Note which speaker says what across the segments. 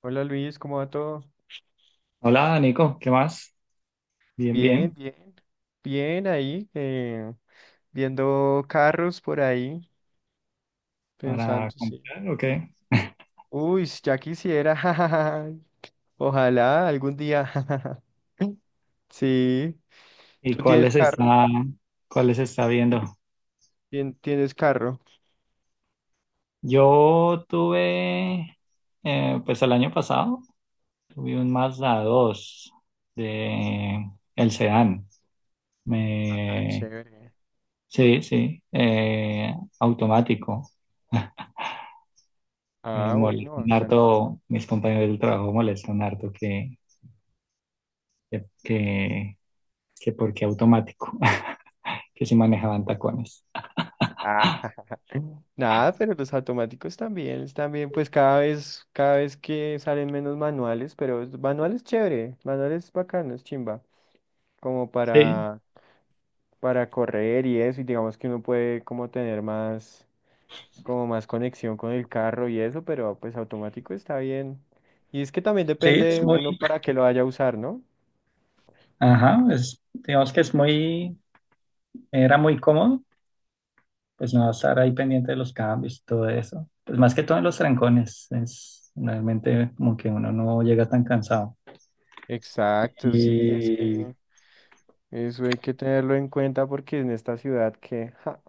Speaker 1: Hola Luis, ¿cómo va todo?
Speaker 2: Hola, Nico, ¿qué más? Bien,
Speaker 1: Bien,
Speaker 2: bien.
Speaker 1: bien, bien ahí, viendo carros por ahí,
Speaker 2: ¿Para
Speaker 1: pensando, sí.
Speaker 2: comprar o qué?
Speaker 1: Uy, si ya quisiera, jajaja, ojalá algún día, jajaja. Sí,
Speaker 2: ¿Y
Speaker 1: tú tienes carro,
Speaker 2: cuáles está viendo?
Speaker 1: tien- tienes carro.
Speaker 2: Yo tuve, pues el año pasado, tuve un Mazda 2 de el sedán.
Speaker 1: Ah,
Speaker 2: Me,
Speaker 1: chévere.
Speaker 2: sí, sí, automático. Me
Speaker 1: Ah, bueno,
Speaker 2: molestan
Speaker 1: bacano.
Speaker 2: harto, mis compañeros del trabajo molestan harto que, que, que porque automático, que si manejaban tacones.
Speaker 1: Ah, nada, pero los automáticos también, están bien, pues cada vez que salen menos manuales, pero manuales chévere, manuales bacanos, chimba, como
Speaker 2: Sí,
Speaker 1: para correr y eso, y digamos que uno puede como tener más, como más conexión con el carro y eso, pero pues automático está bien. Y es que también
Speaker 2: sí,
Speaker 1: depende uno para qué lo vaya a usar, ¿no?
Speaker 2: ajá, digamos que era muy cómodo, pues no estar ahí pendiente de los cambios y todo eso. Pues más que todo en los trancones, es realmente como que uno no llega tan cansado.
Speaker 1: Exacto, sí, es
Speaker 2: Y,
Speaker 1: que eso hay que tenerlo en cuenta porque en esta ciudad que, ja,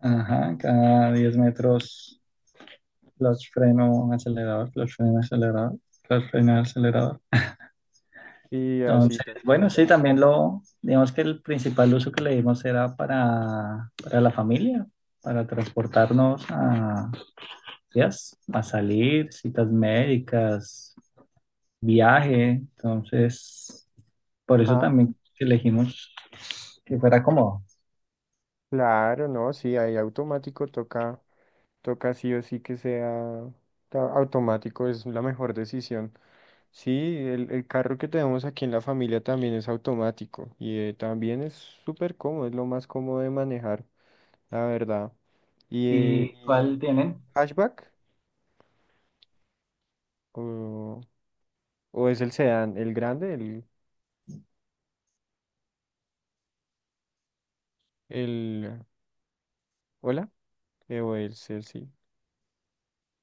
Speaker 2: ajá, cada 10 metros, clutch, freno, acelerador, clutch, freno, acelerador, clutch, freno, acelerador.
Speaker 1: y así
Speaker 2: Entonces,
Speaker 1: tal
Speaker 2: bueno,
Speaker 1: cual.
Speaker 2: sí, también digamos que el principal uso que le dimos era para la familia, para transportarnos a días a salir, citas médicas, viaje. Entonces, por eso
Speaker 1: Ah,
Speaker 2: también
Speaker 1: sí.
Speaker 2: elegimos que fuera cómodo.
Speaker 1: Claro, no, sí, ahí automático toca, toca sí o sí que sea ta- automático, es la mejor decisión. Sí, el carro que tenemos aquí en la familia también es automático y también es súper cómodo, es lo más cómodo de manejar, la verdad.
Speaker 2: ¿Y cuál
Speaker 1: Y
Speaker 2: tienen?
Speaker 1: hatchback? ¿O, es el sedán, el grande, el, hola? O el Sí.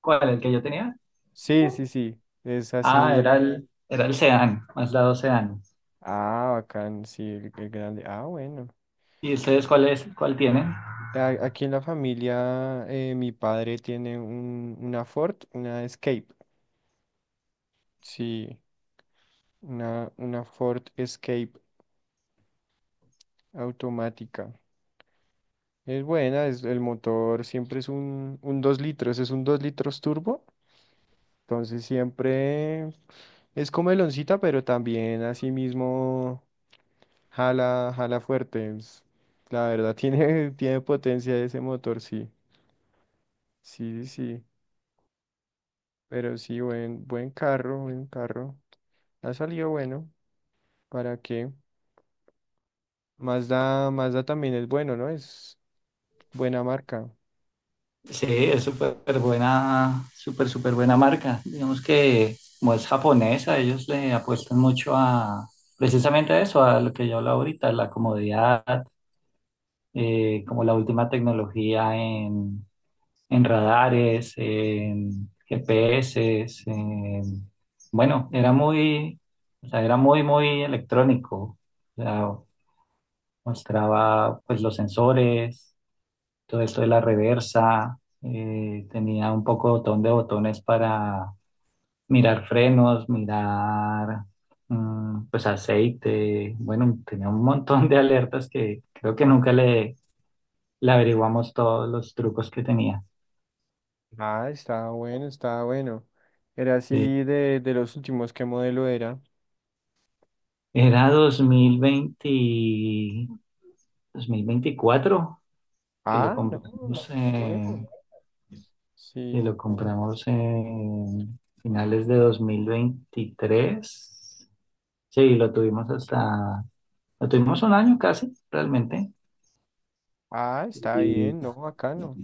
Speaker 2: ¿Cuál? ¿El que yo tenía?
Speaker 1: Sí, sí, sí, es
Speaker 2: Ah,
Speaker 1: así.
Speaker 2: era el Sedan, Mazda 2 Sedan.
Speaker 1: Ah, bacán, sí, el grande. Ah, bueno.
Speaker 2: ¿Y ustedes cuál tienen?
Speaker 1: Aquí en la familia, mi padre tiene una Ford, una Escape, sí. Una Ford Escape automática. Es buena, es, el motor siempre es un 2 litros, es un 2 litros turbo. Entonces siempre es comeloncita, pero también así mismo jala, jala fuerte. La verdad, tiene potencia ese motor, sí. Sí, sí, sí. Pero sí, buen carro, buen carro. Ha salido bueno. ¿Para qué? Mazda, Mazda también es bueno, ¿no? Es buena marca.
Speaker 2: Sí, es súper buena, súper, súper buena marca. Digamos que como es japonesa, ellos le apuestan mucho a precisamente a eso, a lo que yo hablo ahorita, la comodidad, como la última tecnología en radares, en GPS, bueno, o sea, era muy, muy electrónico. O sea, mostraba pues los sensores, todo esto de la reversa, tenía un poco botón de botones para mirar frenos, mirar pues aceite, bueno, tenía un montón de alertas que creo que nunca le averiguamos todos los trucos que tenía.
Speaker 1: Ah, estaba bueno, estaba bueno. Era así
Speaker 2: Sí.
Speaker 1: de los últimos, ¿qué modelo era?
Speaker 2: Era 2020, 2024 que lo
Speaker 1: Ah, no,
Speaker 2: compramos, eh,
Speaker 1: nuevo.
Speaker 2: que
Speaker 1: Sí.
Speaker 2: lo compramos en finales de 2023. Sí, lo tuvimos un año casi, realmente.
Speaker 1: Ah, está
Speaker 2: Y,
Speaker 1: bien, no, bacano.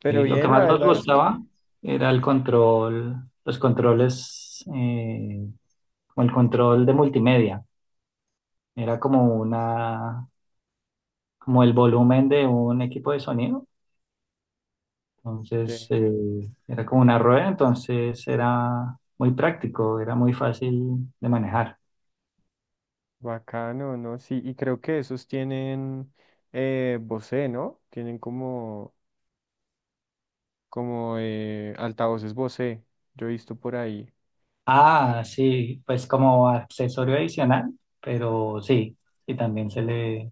Speaker 1: Pero
Speaker 2: y lo que
Speaker 1: bien, la
Speaker 2: más nos
Speaker 1: verdad es
Speaker 2: gustaba era el control, los controles, como el control de multimedia. Era como el volumen de un equipo de sonido. Entonces,
Speaker 1: que
Speaker 2: era como una rueda, entonces era muy práctico, era muy fácil de manejar.
Speaker 1: bacano, ¿no? Sí, y creo que esos tienen Bose, ¿no? Tienen como, como altavoces Bose. Yo he visto por ahí. Sí.
Speaker 2: Ah, sí, pues como accesorio adicional, pero sí, y también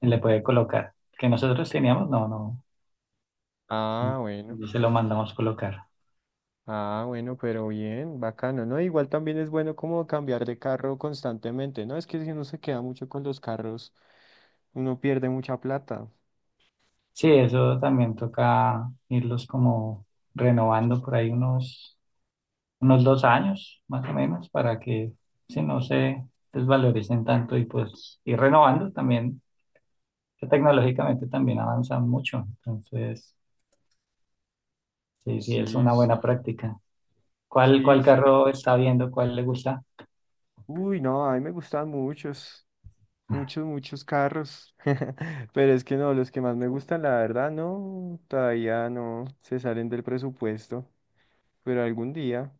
Speaker 2: se le puede colocar. Que nosotros teníamos, no, no,
Speaker 1: Ah,
Speaker 2: no,
Speaker 1: bueno.
Speaker 2: no se lo mandamos colocar.
Speaker 1: Ah, bueno, pero bien, bacano, ¿no? Igual también es bueno como cambiar de carro constantemente, ¿no? Es que si uno se queda mucho con los carros, uno pierde mucha plata.
Speaker 2: Sí, eso también toca irlos como renovando por ahí unos 2 años más o menos para que si no se desvaloricen tanto y pues ir renovando también, que tecnológicamente también avanzan mucho. Entonces, sí, sí, es
Speaker 1: Sí,
Speaker 2: una
Speaker 1: sí,
Speaker 2: buena práctica. ¿Cuál,
Speaker 1: sí,
Speaker 2: cuál
Speaker 1: sí.
Speaker 2: carro está viendo? ¿Cuál le gusta?
Speaker 1: Uy, no, a mí me gustan muchos, muchos, muchos carros. Pero es que no, los que más me gustan, la verdad, no, todavía no se salen del presupuesto. Pero algún día,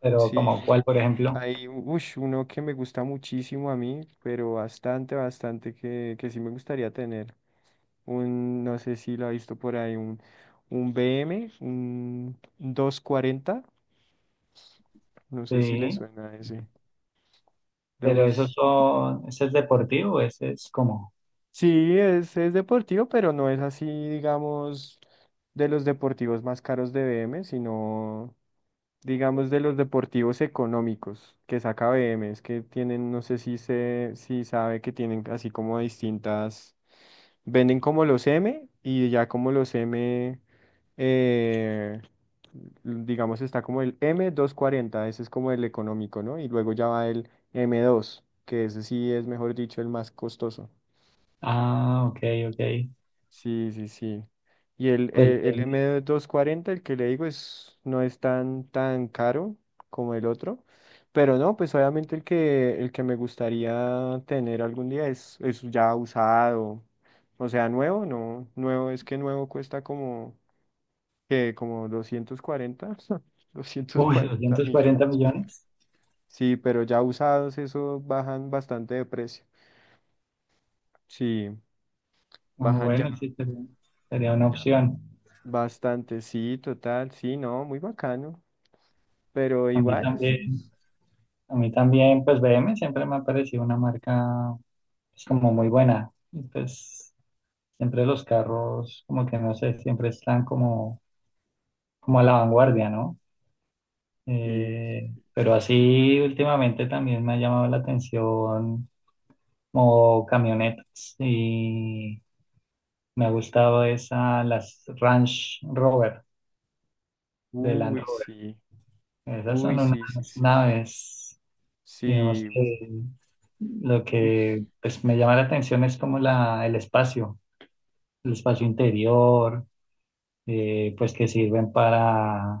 Speaker 2: Pero como
Speaker 1: sí.
Speaker 2: cuál, por ejemplo.
Speaker 1: Hay ush, uno que me gusta muchísimo a mí, pero bastante, bastante que sí me gustaría tener. Un, no sé si la ha visto por ahí, un BM, un 240, no sé si le
Speaker 2: Sí,
Speaker 1: suena a ese. De un,
Speaker 2: pero ese es deportivo, ese es como,
Speaker 1: sí, es deportivo, pero no es así, digamos, de los deportivos más caros de BM, sino, digamos, de los deportivos económicos que saca BM, es que tienen, no sé si se, si sabe que tienen así como distintas, venden como los M y ya como los M. eh, digamos, está como el m 240, ese es como el económico, ¿no? Y luego ya va el m dos, que ese sí es, mejor dicho, el más costoso.
Speaker 2: ah, ok, ok.
Speaker 1: Sí, sí, sí. Y
Speaker 2: Pues,
Speaker 1: el m doscientos cuarenta, el que le digo, es, no es tan, tan caro como el otro. Pero no, pues obviamente el que me gustaría tener algún día es ya usado. O sea, nuevo, no. Nuevo es que nuevo cuesta como que como 240, doscientos
Speaker 2: uy,
Speaker 1: cuarenta
Speaker 2: 240
Speaker 1: millones por ahí.
Speaker 2: millones.
Speaker 1: Sí, pero ya usados, eso bajan bastante de precio. Sí,
Speaker 2: Ah,
Speaker 1: bajan ya,
Speaker 2: bueno, sí, sería una
Speaker 1: ya
Speaker 2: opción.
Speaker 1: bastante, sí, total, sí, no, muy bacano. Pero
Speaker 2: A mí
Speaker 1: igual, eso
Speaker 2: también.
Speaker 1: es.
Speaker 2: A mí también, pues BM siempre me ha parecido una marca pues, como muy buena. Y, pues siempre los carros, como que no sé, siempre están como, a la vanguardia, ¿no?
Speaker 1: Sí,
Speaker 2: Pero así últimamente también me ha llamado la atención como camionetas y me ha gustado esa, las Range Rover de Land
Speaker 1: uy,
Speaker 2: Rover.
Speaker 1: sí,
Speaker 2: Esas
Speaker 1: uy,
Speaker 2: son
Speaker 1: sí, sí,
Speaker 2: unas
Speaker 1: sí.
Speaker 2: naves. Digamos
Speaker 1: Sí,
Speaker 2: que lo
Speaker 1: uy,
Speaker 2: que pues, me llama la atención es como el espacio interior, pues que sirven para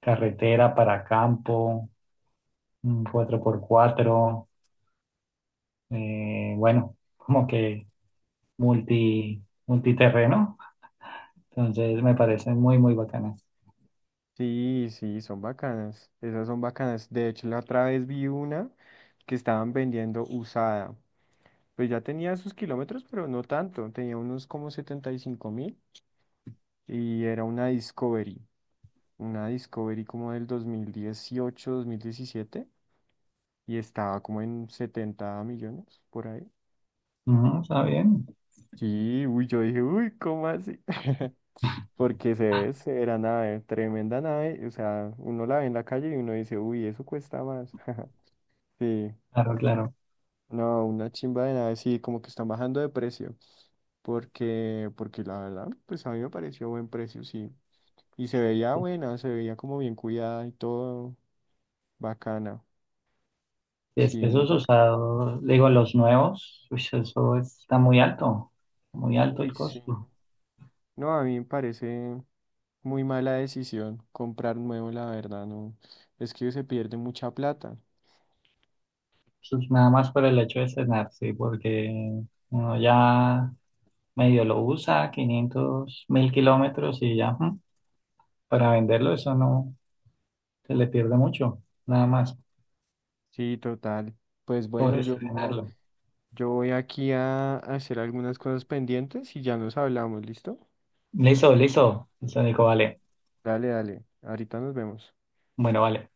Speaker 2: carretera, para campo, un 4x4, bueno, como que multiterreno. Entonces me parecen muy, muy bacanas.
Speaker 1: sí, sí, son bacanas. Esas son bacanas. De hecho, la otra vez vi una que estaban vendiendo usada. Pues ya tenía sus kilómetros, pero no tanto. Tenía unos como 75.000 y era una Discovery. Una Discovery como del 2018, 2017, y estaba como en 70 millones por ahí.
Speaker 2: Ujú, está bien,
Speaker 1: Sí, uy, yo dije, uy, ¿cómo así? Porque se es, era nave, tremenda nave. O sea, uno la ve en la calle y uno dice, uy, eso cuesta más. Sí.
Speaker 2: claro, claro.
Speaker 1: No, una chimba de nada, sí, como que están bajando de precio. Porque, porque la verdad, pues a mí me pareció buen precio, sí. Y se veía buena, se veía como bien cuidada y todo bacana.
Speaker 2: Es que
Speaker 1: Sí, muy
Speaker 2: esos
Speaker 1: bacana.
Speaker 2: usados, digo, los nuevos, uy, eso está muy alto
Speaker 1: Uy,
Speaker 2: el
Speaker 1: sí,
Speaker 2: costo.
Speaker 1: no. No, a mí me parece muy mala decisión comprar nuevo, la verdad, no. Es que se pierde mucha plata.
Speaker 2: Pues nada más por el hecho de cenar, sí, porque uno ya medio lo usa, 500.000 kilómetros y ya, ujú, para venderlo eso no se le pierde mucho, nada más
Speaker 1: Sí, total. Pues
Speaker 2: por
Speaker 1: bueno,
Speaker 2: estrenarlo.
Speaker 1: yo voy aquí a hacer algunas cosas pendientes y ya nos hablamos, ¿listo?
Speaker 2: Listo, listo, listo, Nico, vale.
Speaker 1: Dale, dale. Ahorita nos vemos.
Speaker 2: Bueno, vale.